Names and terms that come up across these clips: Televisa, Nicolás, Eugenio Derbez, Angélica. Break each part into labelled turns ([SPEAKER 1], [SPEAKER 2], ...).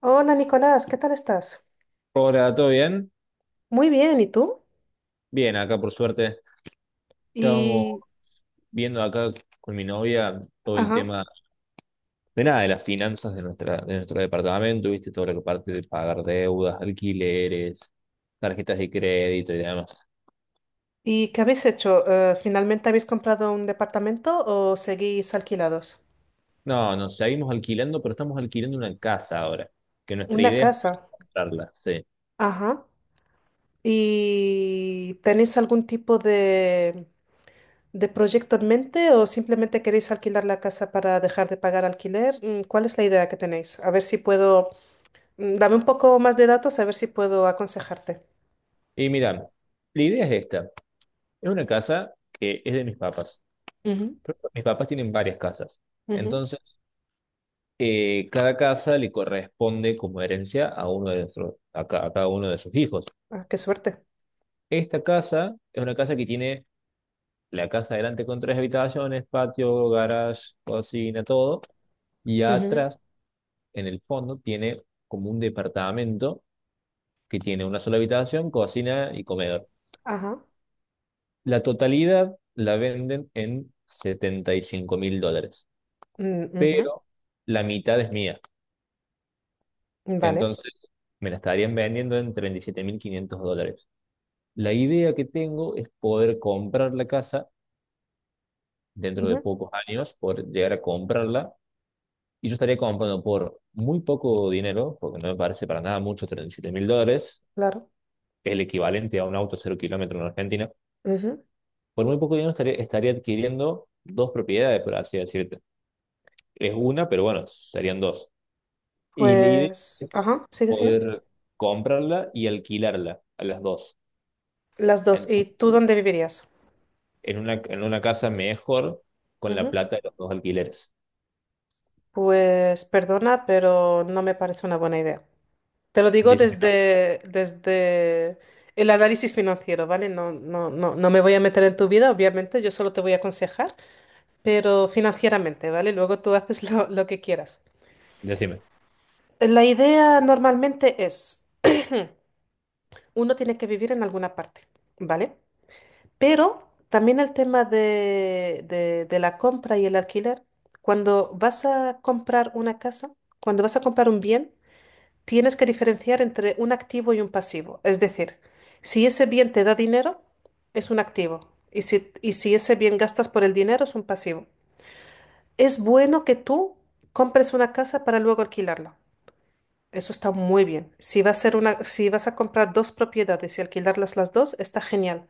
[SPEAKER 1] Hola Nicolás, ¿qué tal estás?
[SPEAKER 2] Hola, ¿todo bien?
[SPEAKER 1] Muy bien, ¿y tú?
[SPEAKER 2] Bien, acá por suerte. Estábamos
[SPEAKER 1] Y,
[SPEAKER 2] viendo acá con mi novia todo el
[SPEAKER 1] ajá,
[SPEAKER 2] tema de nada, de las finanzas de nuestro departamento, ¿viste? Todo lo que parte de pagar deudas, alquileres, tarjetas de crédito y demás.
[SPEAKER 1] ¿y qué habéis hecho? ¿Finalmente habéis comprado un departamento o seguís alquilados?
[SPEAKER 2] No, nos seguimos alquilando, pero estamos alquilando una casa ahora, que nuestra
[SPEAKER 1] Una
[SPEAKER 2] idea es
[SPEAKER 1] casa.
[SPEAKER 2] comprarla, sí.
[SPEAKER 1] Ajá. ¿Y tenéis algún tipo de proyecto en mente o simplemente queréis alquilar la casa para dejar de pagar alquiler? ¿Cuál es la idea que tenéis? A ver si puedo, dame un poco más de datos, a ver si puedo aconsejarte.
[SPEAKER 2] Y mira, la idea es esta. Es una casa que es de mis papás.
[SPEAKER 1] Ujú,
[SPEAKER 2] Mis papás tienen varias casas.
[SPEAKER 1] ujú.
[SPEAKER 2] Entonces, cada casa le corresponde como herencia a uno de nuestros, a cada uno de sus hijos.
[SPEAKER 1] Ah, qué suerte.
[SPEAKER 2] Esta casa es una casa que tiene la casa adelante con tres habitaciones, patio, garage, cocina, todo, y
[SPEAKER 1] Ujú,
[SPEAKER 2] atrás, en el fondo, tiene como un departamento que tiene una sola habitación, cocina y comedor.
[SPEAKER 1] ajá.
[SPEAKER 2] La totalidad la venden en US$75.000,
[SPEAKER 1] Mm, ujú.
[SPEAKER 2] pero la mitad es mía.
[SPEAKER 1] Vale,
[SPEAKER 2] Entonces, me la estarían vendiendo en US$37.500. La idea que tengo es poder comprar la casa dentro de
[SPEAKER 1] ujú,
[SPEAKER 2] pocos años, poder llegar a comprarla. Y yo estaría comprando por muy poco dinero, porque no me parece para nada mucho, US$37.000,
[SPEAKER 1] claro.
[SPEAKER 2] el equivalente a un auto cero kilómetro en Argentina.
[SPEAKER 1] Ujú.
[SPEAKER 2] Por muy poco dinero estaría adquiriendo dos propiedades, por así decirte. Es una, pero bueno, serían dos. Y la idea
[SPEAKER 1] Pues,
[SPEAKER 2] es
[SPEAKER 1] ajá, sigue, sigue.
[SPEAKER 2] poder comprarla y alquilarla a las dos.
[SPEAKER 1] Las dos. ¿Y
[SPEAKER 2] Entonces,
[SPEAKER 1] tú dónde vivirías?
[SPEAKER 2] en una casa mejor con la
[SPEAKER 1] Ujú.
[SPEAKER 2] plata de los dos alquileres.
[SPEAKER 1] Pues, perdona, pero no me parece una buena idea. Te lo digo
[SPEAKER 2] Dice que no.
[SPEAKER 1] desde el análisis financiero, ¿vale? No, no, no, no me voy a meter en tu vida, obviamente, yo solo te voy a aconsejar, pero financieramente, ¿vale? Luego tú haces lo que quieras.
[SPEAKER 2] Decime,
[SPEAKER 1] La idea normalmente es, uno tiene que vivir en alguna parte, ¿vale? Pero también el tema de la compra y el alquiler. Cuando vas a comprar una casa, cuando vas a comprar un bien, tienes que diferenciar entre un activo y un pasivo. Es decir, si ese bien te da dinero, es un activo. Y si ese bien gastas por el dinero, es un pasivo. Es bueno que tú compres una casa para luego alquilarla. Eso está muy bien. Si va a ser una, si vas a comprar dos propiedades y alquilarlas las dos, está genial.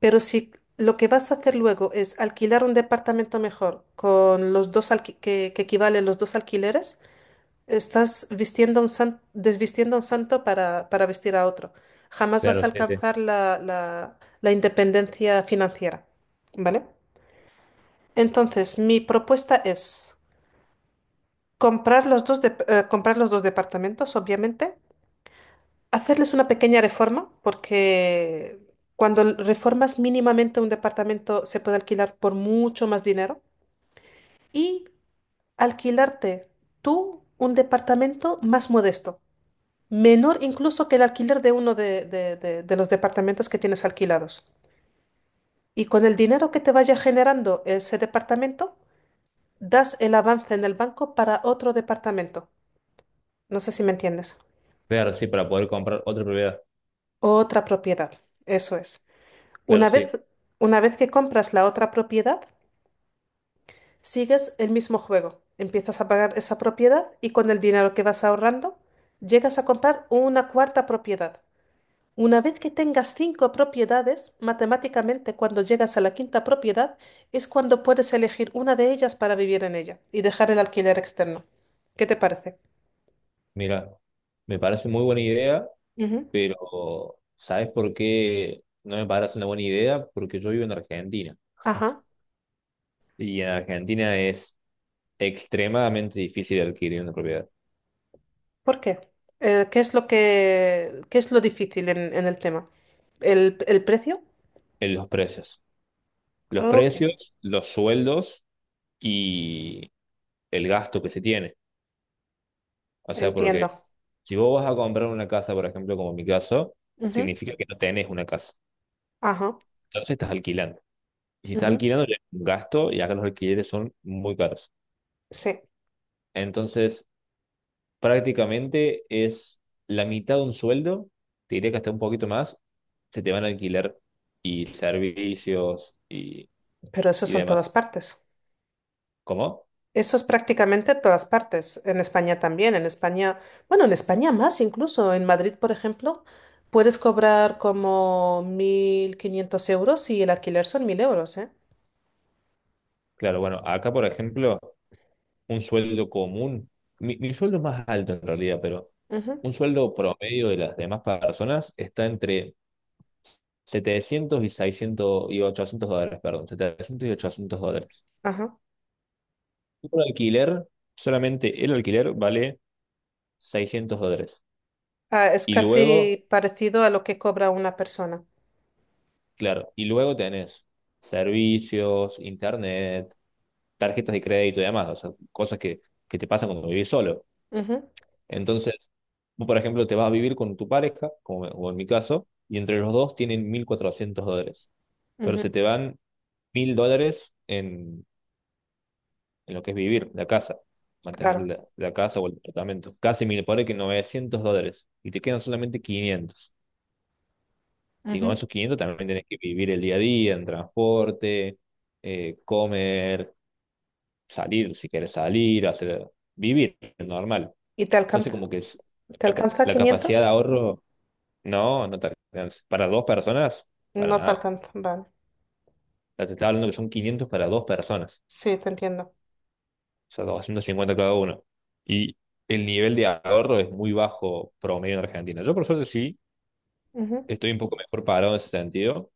[SPEAKER 1] Pero si lo que vas a hacer luego es alquilar un departamento mejor con los dos que equivalen los dos alquileres, estás vistiendo desvistiendo a un santo para vestir a otro. Jamás vas
[SPEAKER 2] claro,
[SPEAKER 1] a
[SPEAKER 2] sí, sí.
[SPEAKER 1] alcanzar la independencia financiera, ¿vale? Entonces, mi propuesta es comprar los dos departamentos, obviamente, hacerles una pequeña reforma, porque cuando reformas mínimamente un departamento se puede alquilar por mucho más dinero y alquilarte tú un departamento más modesto, menor incluso que el alquiler de uno de los departamentos que tienes alquilados. Y con el dinero que te vaya generando ese departamento, das el avance en el banco para otro departamento. No sé si me entiendes.
[SPEAKER 2] Claro, sí, para poder comprar otra propiedad.
[SPEAKER 1] Otra propiedad, eso es.
[SPEAKER 2] Claro,
[SPEAKER 1] Una
[SPEAKER 2] sí.
[SPEAKER 1] vez, una vez que compras la otra propiedad, sigues el mismo juego. Empiezas a pagar esa propiedad y con el dinero que vas ahorrando, llegas a comprar una cuarta propiedad. Una vez que tengas cinco propiedades, matemáticamente cuando llegas a la quinta propiedad es cuando puedes elegir una de ellas para vivir en ella y dejar el alquiler externo. ¿Qué te parece?
[SPEAKER 2] Mira, me parece muy buena idea,
[SPEAKER 1] Ujú.
[SPEAKER 2] pero ¿sabes por qué no me parece una buena idea? Porque yo vivo en Argentina
[SPEAKER 1] Ajá.
[SPEAKER 2] y en Argentina es extremadamente difícil adquirir una propiedad
[SPEAKER 1] ¿Por qué? ¿Qué es qué es lo difícil en el tema? ¿El precio?
[SPEAKER 2] en los precios. Los
[SPEAKER 1] Ok.
[SPEAKER 2] precios, los sueldos y el gasto que se tiene. O sea, porque
[SPEAKER 1] Entiendo.
[SPEAKER 2] si vos vas a comprar una casa, por ejemplo, como en mi caso,
[SPEAKER 1] Ujú,
[SPEAKER 2] significa que no tenés una casa.
[SPEAKER 1] ajá.
[SPEAKER 2] Entonces estás alquilando. Y si está
[SPEAKER 1] Ujú,
[SPEAKER 2] alquilando, ya es un gasto y acá los alquileres son muy caros.
[SPEAKER 1] sí,
[SPEAKER 2] Entonces, prácticamente es la mitad de un sueldo, te diría que hasta un poquito más, se te van a alquilar y servicios y,
[SPEAKER 1] pero eso
[SPEAKER 2] y
[SPEAKER 1] son todas
[SPEAKER 2] demás.
[SPEAKER 1] partes.
[SPEAKER 2] ¿Cómo?
[SPEAKER 1] Eso es prácticamente todas partes. En España también. En España, bueno, en España más incluso. En Madrid, por ejemplo, puedes cobrar como 1.500 euros y el alquiler son 1.000 euros, ¿eh?
[SPEAKER 2] Claro, bueno, acá por ejemplo, un sueldo común, mi sueldo es más alto en realidad, pero
[SPEAKER 1] Ujú,
[SPEAKER 2] un sueldo promedio de las demás personas está entre 700 y 600 y 800 dólares, perdón, 700 y 800 dólares.
[SPEAKER 1] ajá.
[SPEAKER 2] Un alquiler, solamente el alquiler vale US$600.
[SPEAKER 1] Ah, es
[SPEAKER 2] Y luego,
[SPEAKER 1] casi parecido a lo que cobra una persona.
[SPEAKER 2] claro, y luego tenés servicios, internet, tarjetas de crédito y demás, o sea, cosas que te pasan cuando vivís solo.
[SPEAKER 1] Ujú,
[SPEAKER 2] Entonces, vos, por ejemplo, te vas a vivir con tu pareja, como en mi caso, y entre los dos tienen US$1.400. Pero
[SPEAKER 1] ujú,
[SPEAKER 2] se te van US$1.000 en lo que es vivir, la casa, mantener
[SPEAKER 1] claro.
[SPEAKER 2] la casa o el departamento. Casi 1.000 por ahí que US$900. Y te quedan solamente quinientos. Y con
[SPEAKER 1] Ujú.
[SPEAKER 2] esos 500 también tenés que vivir el día a día en transporte, comer, salir si querés salir, hacer, vivir normal.
[SPEAKER 1] ¿Y te
[SPEAKER 2] Entonces
[SPEAKER 1] alcanza?
[SPEAKER 2] como que
[SPEAKER 1] ¿Te alcanza
[SPEAKER 2] la capacidad de
[SPEAKER 1] 500?
[SPEAKER 2] ahorro, no, no te alcanza. Para dos personas, para
[SPEAKER 1] No te
[SPEAKER 2] nada.
[SPEAKER 1] alcanza. Vale.
[SPEAKER 2] Ya te estaba hablando que son 500 para dos personas,
[SPEAKER 1] Sí, te entiendo.
[SPEAKER 2] o sea, 250 cada uno. Y el nivel de ahorro es muy bajo promedio en Argentina. Yo por suerte sí,
[SPEAKER 1] Ujú,
[SPEAKER 2] estoy un poco mejor parado en ese sentido.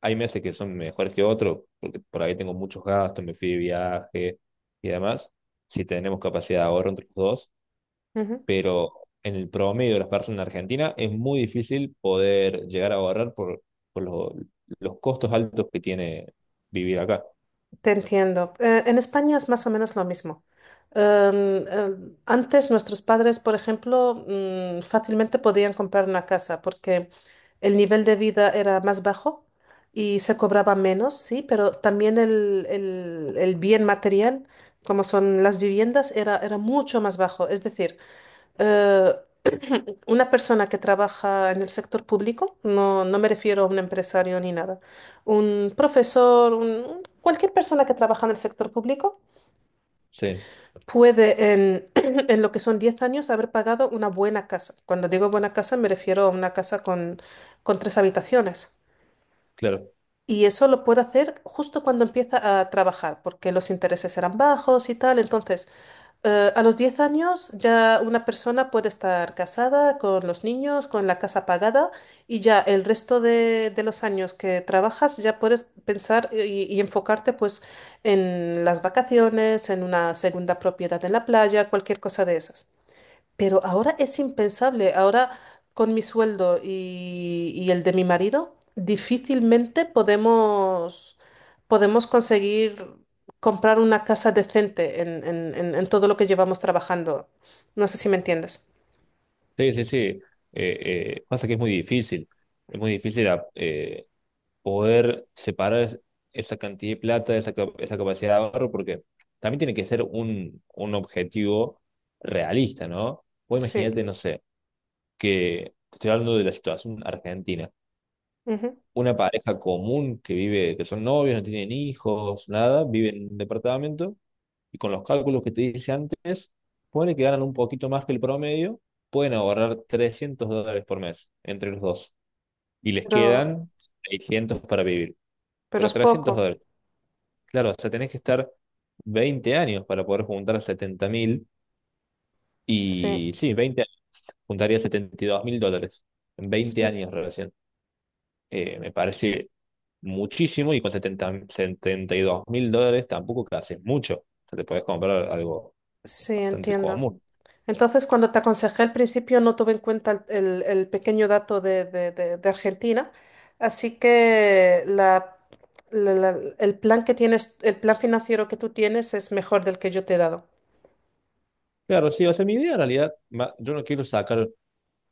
[SPEAKER 2] Hay meses que son mejores que otros, porque por ahí tengo muchos gastos, me fui de viaje y demás, si tenemos capacidad de ahorro entre los dos,
[SPEAKER 1] ujú.
[SPEAKER 2] pero en el promedio de las personas en Argentina es muy difícil poder llegar a ahorrar por los costos altos que tiene vivir acá.
[SPEAKER 1] Te entiendo. En España es más o menos lo mismo. Antes nuestros padres, por ejemplo, fácilmente podían comprar una casa porque el nivel de vida era más bajo y se cobraba menos, sí, pero también el bien material, como son las viviendas, era mucho más bajo. Es decir, eh, una persona que trabaja en el sector público, no, no me refiero a un empresario ni nada, un profesor, cualquier persona que trabaja en el sector público
[SPEAKER 2] Sí,
[SPEAKER 1] puede en lo que son 10 años haber pagado una buena casa. Cuando digo buena casa me refiero a una casa con tres habitaciones.
[SPEAKER 2] claro.
[SPEAKER 1] Y eso lo puede hacer justo cuando empieza a trabajar, porque los intereses eran bajos y tal. Entonces, a los 10 años ya una persona puede estar casada con los niños, con la casa pagada y ya el resto de los años que trabajas ya puedes pensar y enfocarte pues en las vacaciones, en una segunda propiedad en la playa, cualquier cosa de esas. Pero ahora es impensable. Ahora, con mi sueldo y el de mi marido, difícilmente podemos conseguir comprar una casa decente en todo lo que llevamos trabajando. No sé si me entiendes.
[SPEAKER 2] Sí, sí, sí. Pasa que es muy difícil. Es muy difícil poder separar esa cantidad de plata, esa capacidad de ahorro, porque también tiene que ser un objetivo realista, ¿no? Vos
[SPEAKER 1] Sí.
[SPEAKER 2] imagínate, no sé, que te estoy hablando de la situación argentina.
[SPEAKER 1] Ujú.
[SPEAKER 2] Una pareja común que vive, que son novios, no tienen hijos, nada, vive en un departamento y con los cálculos que te dije antes, pone que ganan un poquito más que el promedio, pueden ahorrar US$300 por mes entre los dos y les
[SPEAKER 1] Pero,
[SPEAKER 2] quedan 600 para vivir,
[SPEAKER 1] pero
[SPEAKER 2] pero
[SPEAKER 1] es
[SPEAKER 2] 300
[SPEAKER 1] poco.
[SPEAKER 2] dólares. Claro, o sea, tenés que estar 20 años para poder juntar 70.000.
[SPEAKER 1] Sí,
[SPEAKER 2] Y sí, 20 años, juntaría US$72.000. En veinte
[SPEAKER 1] sí.
[SPEAKER 2] años recién. Me parece muchísimo y con US$72.000 tampoco que haces mucho. O sea, te podés comprar algo
[SPEAKER 1] Sí,
[SPEAKER 2] bastante
[SPEAKER 1] entiendo.
[SPEAKER 2] común.
[SPEAKER 1] Entonces, cuando te aconsejé al principio, no tuve en cuenta el pequeño dato de Argentina. Así que el plan que tienes, el plan financiero que tú tienes es mejor del que yo te he dado.
[SPEAKER 2] Claro, sí, o sea, mi idea en realidad, yo no quiero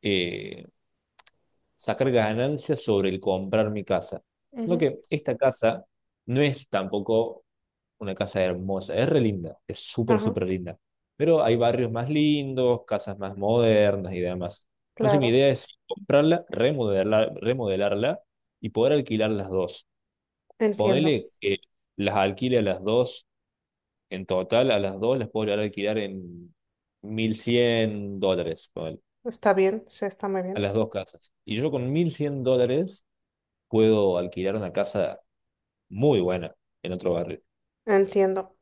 [SPEAKER 2] eh, sacar ganancias sobre el comprar mi casa. Lo
[SPEAKER 1] Ujú.
[SPEAKER 2] que esta casa no es tampoco una casa hermosa, es re linda, es súper,
[SPEAKER 1] Ajá,
[SPEAKER 2] súper linda. Pero hay barrios más lindos, casas más modernas y demás. Entonces mi
[SPEAKER 1] claro,
[SPEAKER 2] idea es comprarla, remodelarla y poder alquilar las dos.
[SPEAKER 1] entiendo.
[SPEAKER 2] Ponele que las alquile a las dos, en total a las dos las puedo llegar a alquilar en US$1.100, ponele,
[SPEAKER 1] Está bien, sí, está muy
[SPEAKER 2] a
[SPEAKER 1] bien.
[SPEAKER 2] las dos casas. Y yo con US$1.100 puedo alquilar una casa muy buena en otro barrio.
[SPEAKER 1] Entiendo.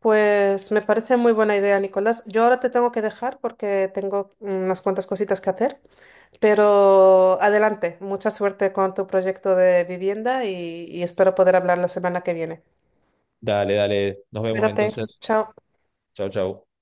[SPEAKER 1] Pues me parece muy buena idea, Nicolás. Yo ahora te tengo que dejar porque tengo unas cuantas cositas que hacer. Pero adelante, mucha suerte con tu proyecto de vivienda y espero poder hablar la semana que viene.
[SPEAKER 2] Dale, dale, nos vemos
[SPEAKER 1] Cuídate,
[SPEAKER 2] entonces.
[SPEAKER 1] chao.
[SPEAKER 2] Chau, chau.